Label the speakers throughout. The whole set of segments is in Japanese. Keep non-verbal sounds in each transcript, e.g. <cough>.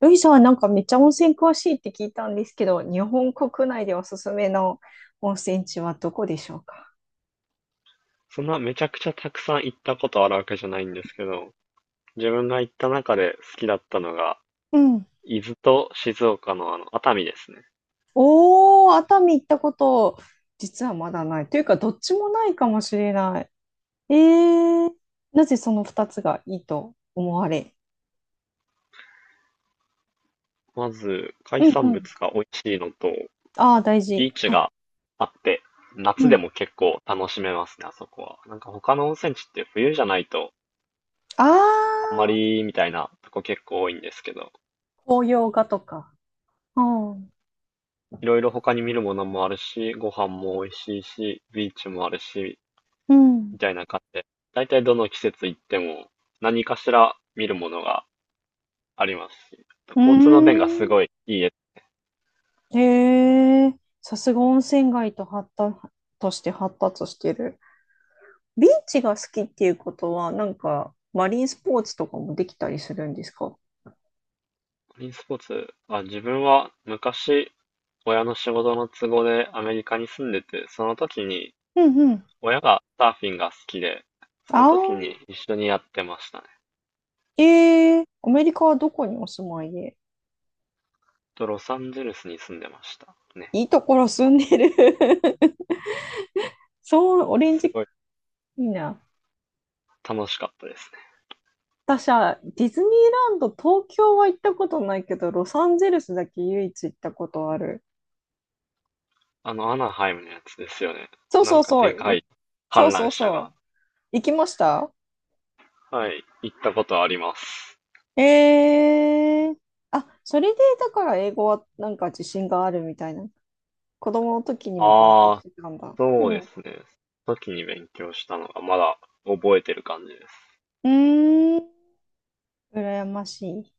Speaker 1: ルイさんはなんかめっちゃ温泉詳しいって聞いたんですけど、日本国内でおすすめの温泉地はどこでしょうか？
Speaker 2: そんなめちゃくちゃたくさん行ったことあるわけじゃないんですけど、自分が行った中で好きだったのが、
Speaker 1: うん。
Speaker 2: 伊豆と静岡の熱海ですね。
Speaker 1: おー、熱海行ったこと、実はまだない。というか、どっちもないかもしれない。えー、なぜその2つがいいと思われ？
Speaker 2: まず、海
Speaker 1: うんう
Speaker 2: 産
Speaker 1: ん。
Speaker 2: 物が美味しいのと、
Speaker 1: ああ、大事。
Speaker 2: ビーチ
Speaker 1: は
Speaker 2: があって、
Speaker 1: い。う
Speaker 2: 夏で
Speaker 1: ん。
Speaker 2: も結構楽しめますね、あそこは。なんか他の温泉地って冬じゃないと、
Speaker 1: あ
Speaker 2: あんま
Speaker 1: あ、
Speaker 2: りみたいなとこ結構多いんですけど、
Speaker 1: 紅葉画とか。うん。
Speaker 2: いろいろ他に見るものもあるし、ご飯も美味しいし、ビーチもあるし、
Speaker 1: うん。
Speaker 2: みたいな感じで、だいたいどの季節行っても何かしら見るものがありますし、
Speaker 1: う
Speaker 2: 交通の便
Speaker 1: ー
Speaker 2: がすごいいいです。
Speaker 1: ん。へえ、さすが温泉街と発達として発達してる。ビーチが好きっていうことは、なんか、マリンスポーツとかもできたりするんですか？
Speaker 2: マリンスポーツは自分は昔親の仕事の都合でアメリカに住んでて、その時に
Speaker 1: うんうん。
Speaker 2: 親がサーフィンが好きで、その
Speaker 1: あ
Speaker 2: 時に
Speaker 1: あ、
Speaker 2: 一緒にやってましたね。
Speaker 1: アメリカはどこにお住まいで？
Speaker 2: とロサンゼルスに住んでましたね。
Speaker 1: いいところ住んでる。 <laughs> そう、オレン
Speaker 2: す
Speaker 1: ジ、
Speaker 2: ごい
Speaker 1: いいな。
Speaker 2: 楽しかったですね。
Speaker 1: 私はディズニーランド、東京は行ったことないけど、ロサンゼルスだけ唯一行ったことある。
Speaker 2: あのアナハイムのやつですよね。
Speaker 1: そう
Speaker 2: な
Speaker 1: そ
Speaker 2: ん
Speaker 1: う
Speaker 2: か
Speaker 1: そ
Speaker 2: で
Speaker 1: う、
Speaker 2: か
Speaker 1: い
Speaker 2: い
Speaker 1: そう
Speaker 2: 観
Speaker 1: そ
Speaker 2: 覧
Speaker 1: う
Speaker 2: 車
Speaker 1: そ
Speaker 2: が。
Speaker 1: う。行きました。
Speaker 2: はい、行ったことあります。
Speaker 1: えー、あ、それでだから英語はなんか自信があるみたいな、子供の時にも勉強し
Speaker 2: ああ、
Speaker 1: てたんだ。う
Speaker 2: そう
Speaker 1: ん。
Speaker 2: で
Speaker 1: う
Speaker 2: すね。その時に勉強したのがまだ覚えてる感じです。
Speaker 1: ーん。羨ましい。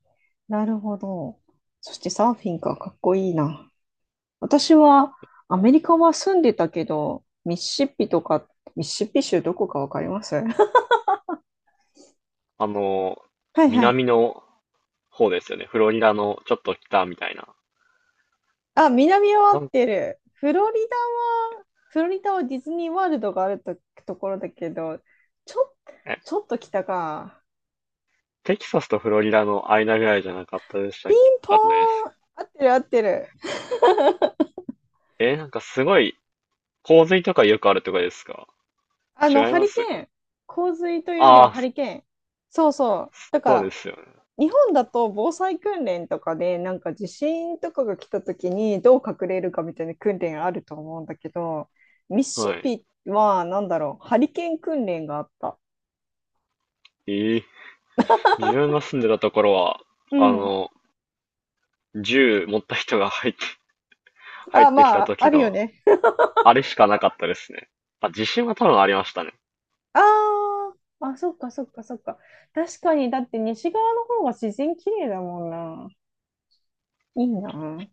Speaker 1: なるほど。そしてサーフィンか、かっこいいな。私はアメリカは住んでたけど、ミシシッピとか、ミシシッピ州どこかわかります？ <laughs>
Speaker 2: あの、
Speaker 1: はいはい。
Speaker 2: 南の方ですよね。フロリダのちょっと北みたいな。
Speaker 1: あ、南は合
Speaker 2: な
Speaker 1: っ
Speaker 2: ん
Speaker 1: てる。フロリダは、フロリダはディズニーワールドがあると、ところだけど、ちょ、
Speaker 2: え、
Speaker 1: ちょっと北か。
Speaker 2: テキサスとフロリダの間ぐらいじゃなかったでした
Speaker 1: ピ
Speaker 2: っけ、
Speaker 1: ンポ
Speaker 2: わかんないです。
Speaker 1: ーン、合ってる合ってる。
Speaker 2: えーなんかすごい、洪水とかよくあるとこですか？違い
Speaker 1: ハ
Speaker 2: ま
Speaker 1: リケ
Speaker 2: すこ
Speaker 1: ー
Speaker 2: れ。
Speaker 1: ン。洪水というよりは
Speaker 2: ああ、
Speaker 1: ハリケーン。そうそう。だか
Speaker 2: そう
Speaker 1: ら、
Speaker 2: ですよね。
Speaker 1: 日本だと防災訓練とかで、なんか地震とかが来た時にどう隠れるかみたいな訓練あると思うんだけど、ミシシッ
Speaker 2: はい。
Speaker 1: ピは、なんだろう、ハリケーン訓練があった。
Speaker 2: ええ、自分が住んでたところは、
Speaker 1: う
Speaker 2: あ
Speaker 1: ん。
Speaker 2: の、銃持った人が入っ
Speaker 1: あ、
Speaker 2: てき
Speaker 1: ま
Speaker 2: た
Speaker 1: あ、あ
Speaker 2: 時
Speaker 1: るよ
Speaker 2: の、
Speaker 1: ね。
Speaker 2: あれしかなかったですね。あ、地震は多分ありましたね。
Speaker 1: ああ、あ、そっかそっかそっか。確かに、だって西側の方が自然綺麗だもんな。いいな。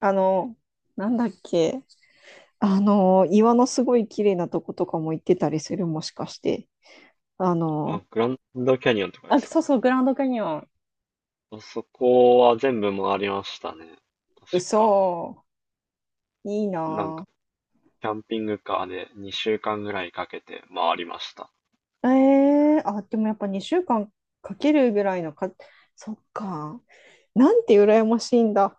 Speaker 1: あの、なんだっけ。岩のすごい綺麗なとことかも行ってたりする、もしかして。あ
Speaker 2: あ、
Speaker 1: の、
Speaker 2: グランドキャニオンとかで
Speaker 1: あ、
Speaker 2: す
Speaker 1: そう
Speaker 2: か。
Speaker 1: そう、グランドキャニオン。ー
Speaker 2: あそこは全部回りましたね。確か。
Speaker 1: 嘘、いい
Speaker 2: なん
Speaker 1: な
Speaker 2: か、キャンピングカーで2週間ぐらいかけて回りました。
Speaker 1: ぁ。あ、でもやっぱ2週間かんかけるぐらいのか、そっか。なんて羨ましいんだ。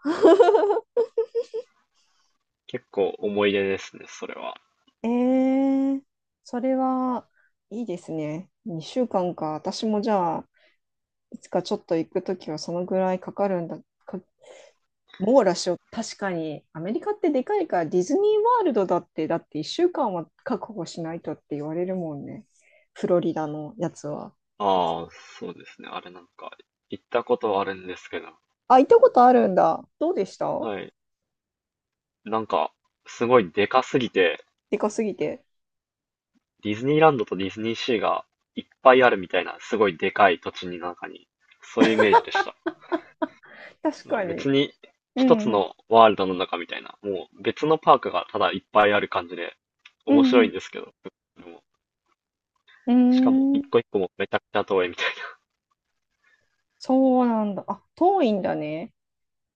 Speaker 2: 結構思い出ですね、それは。
Speaker 1: えー、それはいいですね。2週間かんか。私もじゃあ、いつかちょっと行くときはそのぐらいかかるんだ、か、網羅しよう。確かに、アメリカってでかいから、ディズニーワールドだって1週間は確保しないとって言われるもんね。フロリダのやつは。
Speaker 2: ああ、そうですね。あれなんか、行ったことはあるんですけど。
Speaker 1: あ、行ったことあるんだ。どうでした？
Speaker 2: はい。なんか、すごいでかすぎて、
Speaker 1: でかすぎて。
Speaker 2: ディズニーランドとディズニーシーがいっぱいあるみたいな、すごいでかい土地の中に、そういうイメージでした。
Speaker 1: 確
Speaker 2: まあ
Speaker 1: かに。
Speaker 2: 別に
Speaker 1: う
Speaker 2: 一つ
Speaker 1: んうん。
Speaker 2: のワールドの中みたいな、もう別のパークがただいっぱいある感じで、
Speaker 1: う
Speaker 2: 面白い
Speaker 1: ん
Speaker 2: んですけど、でも、
Speaker 1: う
Speaker 2: しかも
Speaker 1: ん。うー
Speaker 2: 一
Speaker 1: ん。
Speaker 2: 個一個もめちゃくちゃ遠いみたい
Speaker 1: そうなんだ。あ、遠いんだね。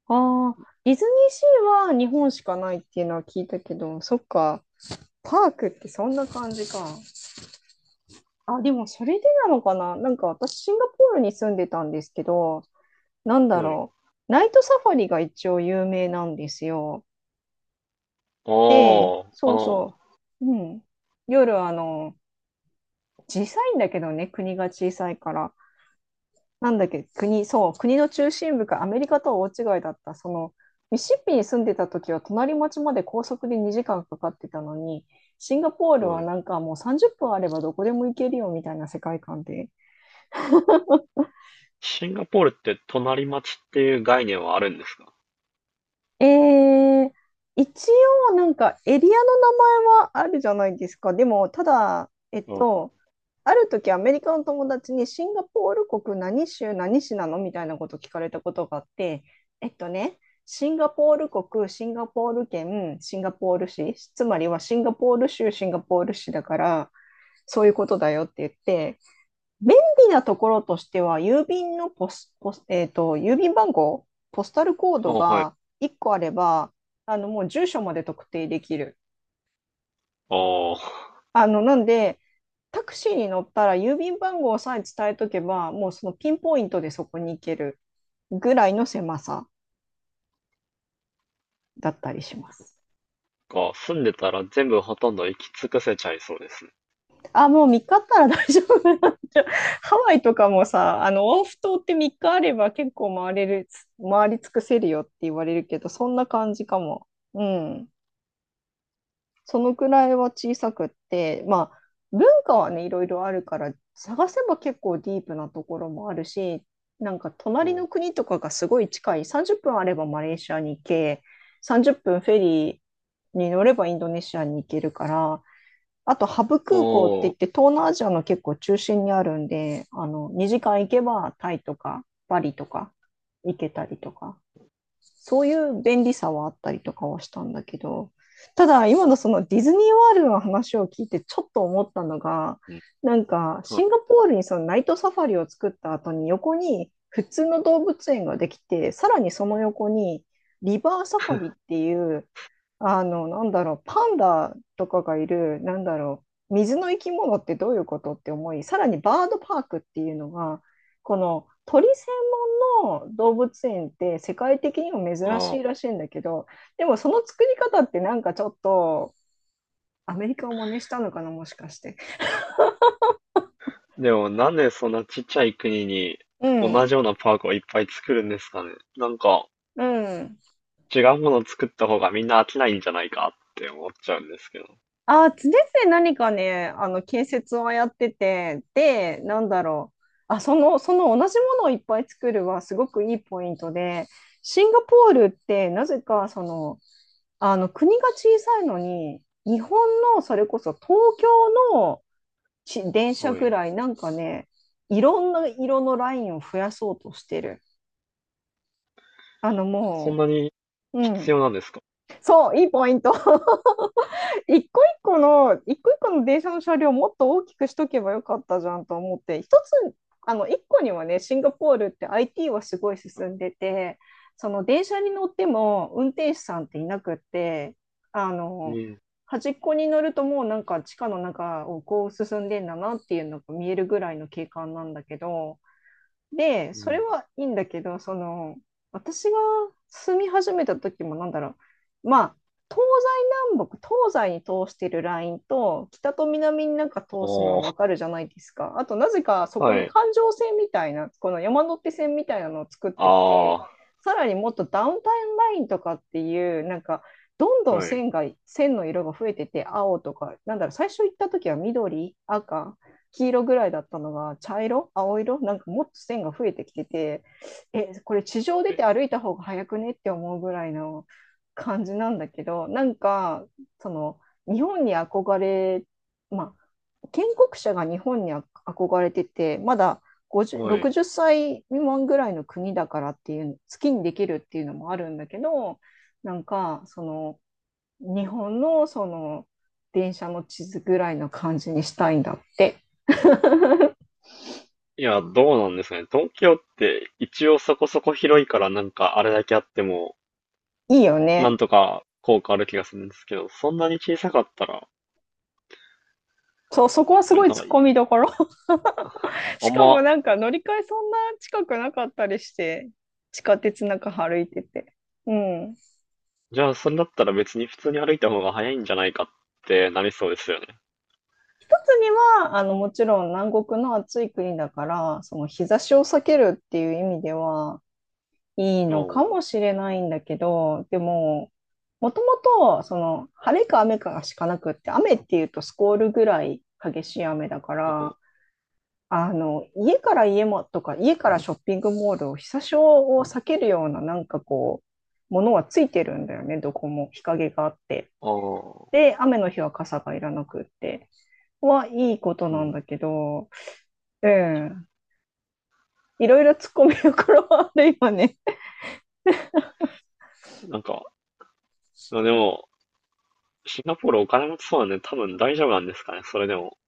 Speaker 1: ああ、ディズニーシーは日本しかないっていうのは聞いたけど、そっか。パークってそんな感じか。あ、でもそれでなのかな。なんか私、シンガポールに住んでたんですけど、なん
Speaker 2: な。
Speaker 1: だ
Speaker 2: はい。
Speaker 1: ろう。ナイトサファリが一応有名なんですよ。
Speaker 2: あ
Speaker 1: で、
Speaker 2: あ、
Speaker 1: そうそう。うん。夜、小さいんだけどね、国が小さいから。なんだっけ、国、そう、国の中心部か、アメリカとは大違いだった。ミシシッピに住んでた時は隣町まで高速で2時間かかってたのに、シンガポールは
Speaker 2: はい、
Speaker 1: なんかもう30分あればどこでも行けるよみたいな世界観で。
Speaker 2: シンガポールって隣町っていう概念はあるんですか？
Speaker 1: えー、一応なんかエリアの名前はあるじゃないですか。でも、ただ、ある時アメリカの友達にシンガポール国何州何市なのみたいなこと聞かれたことがあって、えっとね、シンガポール国、シンガポール県、シンガポール市、つまりはシンガポール州、シンガポール市だから、そういうことだよって言って、便利なところとしては、郵便のポス、ポス、えっと、郵便番号、ポスタルコー
Speaker 2: あ
Speaker 1: ド
Speaker 2: あ、はい。
Speaker 1: が1個あれば、もう住所まで特定できる。
Speaker 2: ああ、
Speaker 1: なんで、タクシーに乗ったら郵便番号さえ伝えとけば、もうそのピンポイントでそこに行けるぐらいの狭さだったりします。
Speaker 2: 住んでたら全部ほとんど行き尽くせちゃいそうですね。
Speaker 1: あ、もう3日あったら大丈夫なんじゃ。 <laughs> ハワイとかもさ、オアフ島って3日あれば結構回れる、回り尽くせるよって言われるけど、そんな感じかも。うん。そのくらいは小さくって、まあ、文化はね、いろいろあるから、探せば結構ディープなところもあるし、なんか
Speaker 2: う
Speaker 1: 隣
Speaker 2: ん。
Speaker 1: の
Speaker 2: あ
Speaker 1: 国とかがすごい近い、30分あればマレーシアに行け、30分フェリーに乗ればインドネシアに行けるから、あとハブ空港って言
Speaker 2: あ、
Speaker 1: って東南アジアの結構中心にあるんで、2時間行けばタイとかバリとか行けたりとか、そういう便利さはあったりとかはしたんだけど、ただ今のそのディズニーワールドの話を聞いてちょっと思ったのが、
Speaker 2: うん。
Speaker 1: なんか
Speaker 2: はい。
Speaker 1: シンガポールにそのナイトサファリを作った後に横に普通の動物園ができて、さらにその横にリバーサファリっ
Speaker 2: <laughs>
Speaker 1: ていう、なんだろう、パンダとかがいる、なんだろう、水の生き物ってどういうことって思い、さらにバードパークっていうのが、この鳥専門の動物園って世界的にも
Speaker 2: あ
Speaker 1: 珍しい
Speaker 2: あ。
Speaker 1: らしいんだけど、でもその作り方ってなんかちょっとアメリカを真似したのかな、もしかして。
Speaker 2: でもなんでそんなちっちゃい国に
Speaker 1: う
Speaker 2: 同
Speaker 1: ん、
Speaker 2: じようなパークをいっぱい作るんですかね。なんか
Speaker 1: うん。
Speaker 2: 違うものを作った方がみんな飽きないんじゃないかって思っちゃうんですけど。
Speaker 1: 常々何かね、あの建設をやってて、で、なんだろう。あ、その同じものをいっぱい作るはすごくいいポイントで、シンガポールってなぜかあの国が小さいのに、日本のそれこそ東京のし電車
Speaker 2: は
Speaker 1: ぐ
Speaker 2: い。
Speaker 1: らい、なんかね、いろんな色のラインを増やそうとしてる。あの
Speaker 2: そん
Speaker 1: も
Speaker 2: なに
Speaker 1: う、う
Speaker 2: 必
Speaker 1: ん、
Speaker 2: 要なんですか？
Speaker 1: そう、いいポイント。<laughs> 一個一個の電車の車両をもっと大きくしとけばよかったじゃんと思って、一つ、一個にはね、シンガポールって IT はすごい進んでて、その電車に乗っても運転手さんっていなくって、あ
Speaker 2: え
Speaker 1: の、
Speaker 2: え。
Speaker 1: 端っこに乗るともうなんか地下の中をこう進んでんだなっていうのが見えるぐらいの景観なんだけど、で、
Speaker 2: う
Speaker 1: それ
Speaker 2: ん。
Speaker 1: はいいんだけど、私が住み始めた時も、なんだろう、まあ、東西南北、東西に通してるラインと、北と南になんか通すのはわか
Speaker 2: あ
Speaker 1: るじゃないですか。あと、なぜかそ
Speaker 2: あ、
Speaker 1: こ
Speaker 2: は
Speaker 1: に
Speaker 2: い。
Speaker 1: 環状線みたいな、この山手線みたいなのを作ってきて、
Speaker 2: あ
Speaker 1: さらにもっとダウンタウンラインとかっていう、なんか、どん
Speaker 2: あ、
Speaker 1: どん
Speaker 2: はい。
Speaker 1: 線が、線の色が増えてて、青とか、なんだろう、最初行った時は緑、赤、黄色ぐらいだったのが茶色青色、なんかもっと線が増えてきてて、え、これ地上出
Speaker 2: は
Speaker 1: て
Speaker 2: い。
Speaker 1: 歩いた方が早くねって思うぐらいの感じなんだけど、なんかその、日本に憧れ、まあ建国者が日本に憧れてて、まだ50
Speaker 2: はい。
Speaker 1: 60歳未満ぐらいの国だからっていう、好きにできるっていうのもあるんだけど、なんかその、日本のその電車の地図ぐらいの感じにしたいんだって。
Speaker 2: いや、どうなんですかね。東京って一応そこそこ広いからなんかあれだけあっても、
Speaker 1: いいよ
Speaker 2: な
Speaker 1: ね。
Speaker 2: んとか効果ある気がするんですけど、そんなに小さかったら、
Speaker 1: そう、そこはす
Speaker 2: な
Speaker 1: ご
Speaker 2: ん
Speaker 1: い
Speaker 2: か
Speaker 1: 突っ込みどころ。<laughs>
Speaker 2: あ
Speaker 1: し
Speaker 2: ん
Speaker 1: かも
Speaker 2: ま
Speaker 1: なんか乗り換えそんな近くなかったりして、地下鉄なんか歩いてて。うん。一
Speaker 2: じゃあ、それだったら別に普通に歩いた方が早いんじゃないかってなりそうですよね。
Speaker 1: つには、もちろん南国の暑い国だから、その日差しを避けるっていう意味では、いい
Speaker 2: う
Speaker 1: のか
Speaker 2: ん。
Speaker 1: もしれないんだけど、でも、もともと、晴れか雨かしかなくって、雨っていうとスコールぐらい激しい雨だから、家から家もとか、家からショッピングモールを日差しを避けるような、なんかこう、ものはついてるんだよね、どこも日陰があって。
Speaker 2: ああ、
Speaker 1: で、雨の日は傘がいらなくって、はいいこと
Speaker 2: う
Speaker 1: なんだ
Speaker 2: ん。
Speaker 1: けど、うん、いろいろ突っ込みどころはあるよね。
Speaker 2: なんか、でも、シンガポールお金持ちそうなんで多分大丈夫なんですかね、それでも。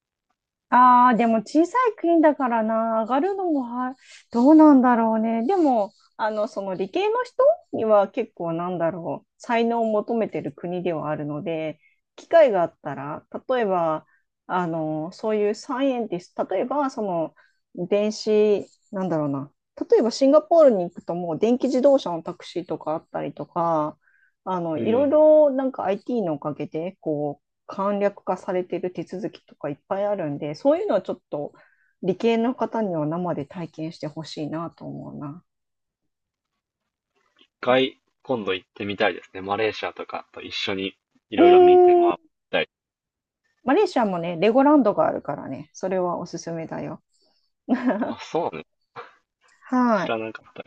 Speaker 1: ああ、でも小さい国だからな、上がるのもは、どうなんだろうね。でも、その理系の人には結構なんだろう、才能を求めてる国ではあるので、機会があったら、例えば、そういうサイエンティスト、例えば、その、電子、なんだろうな、例えばシンガポールに行くともう電気自動車のタクシーとかあったりとか、
Speaker 2: うん。
Speaker 1: いろい
Speaker 2: 一
Speaker 1: ろなんか IT のおかげで、こう、簡略化されている手続きとかいっぱいあるんで、そういうのはちょっと理系の方には生で体験してほしいなと思うな。
Speaker 2: 回、今度行ってみたいですね。マレーシアとかと一緒にい
Speaker 1: う
Speaker 2: ろいろ見て回
Speaker 1: ーん、
Speaker 2: りたい。
Speaker 1: マレーシアもね、レゴランドがあるからね、それはおすすめだよ。<laughs>
Speaker 2: あ、そうね。
Speaker 1: は
Speaker 2: 知
Speaker 1: い。
Speaker 2: らなかった。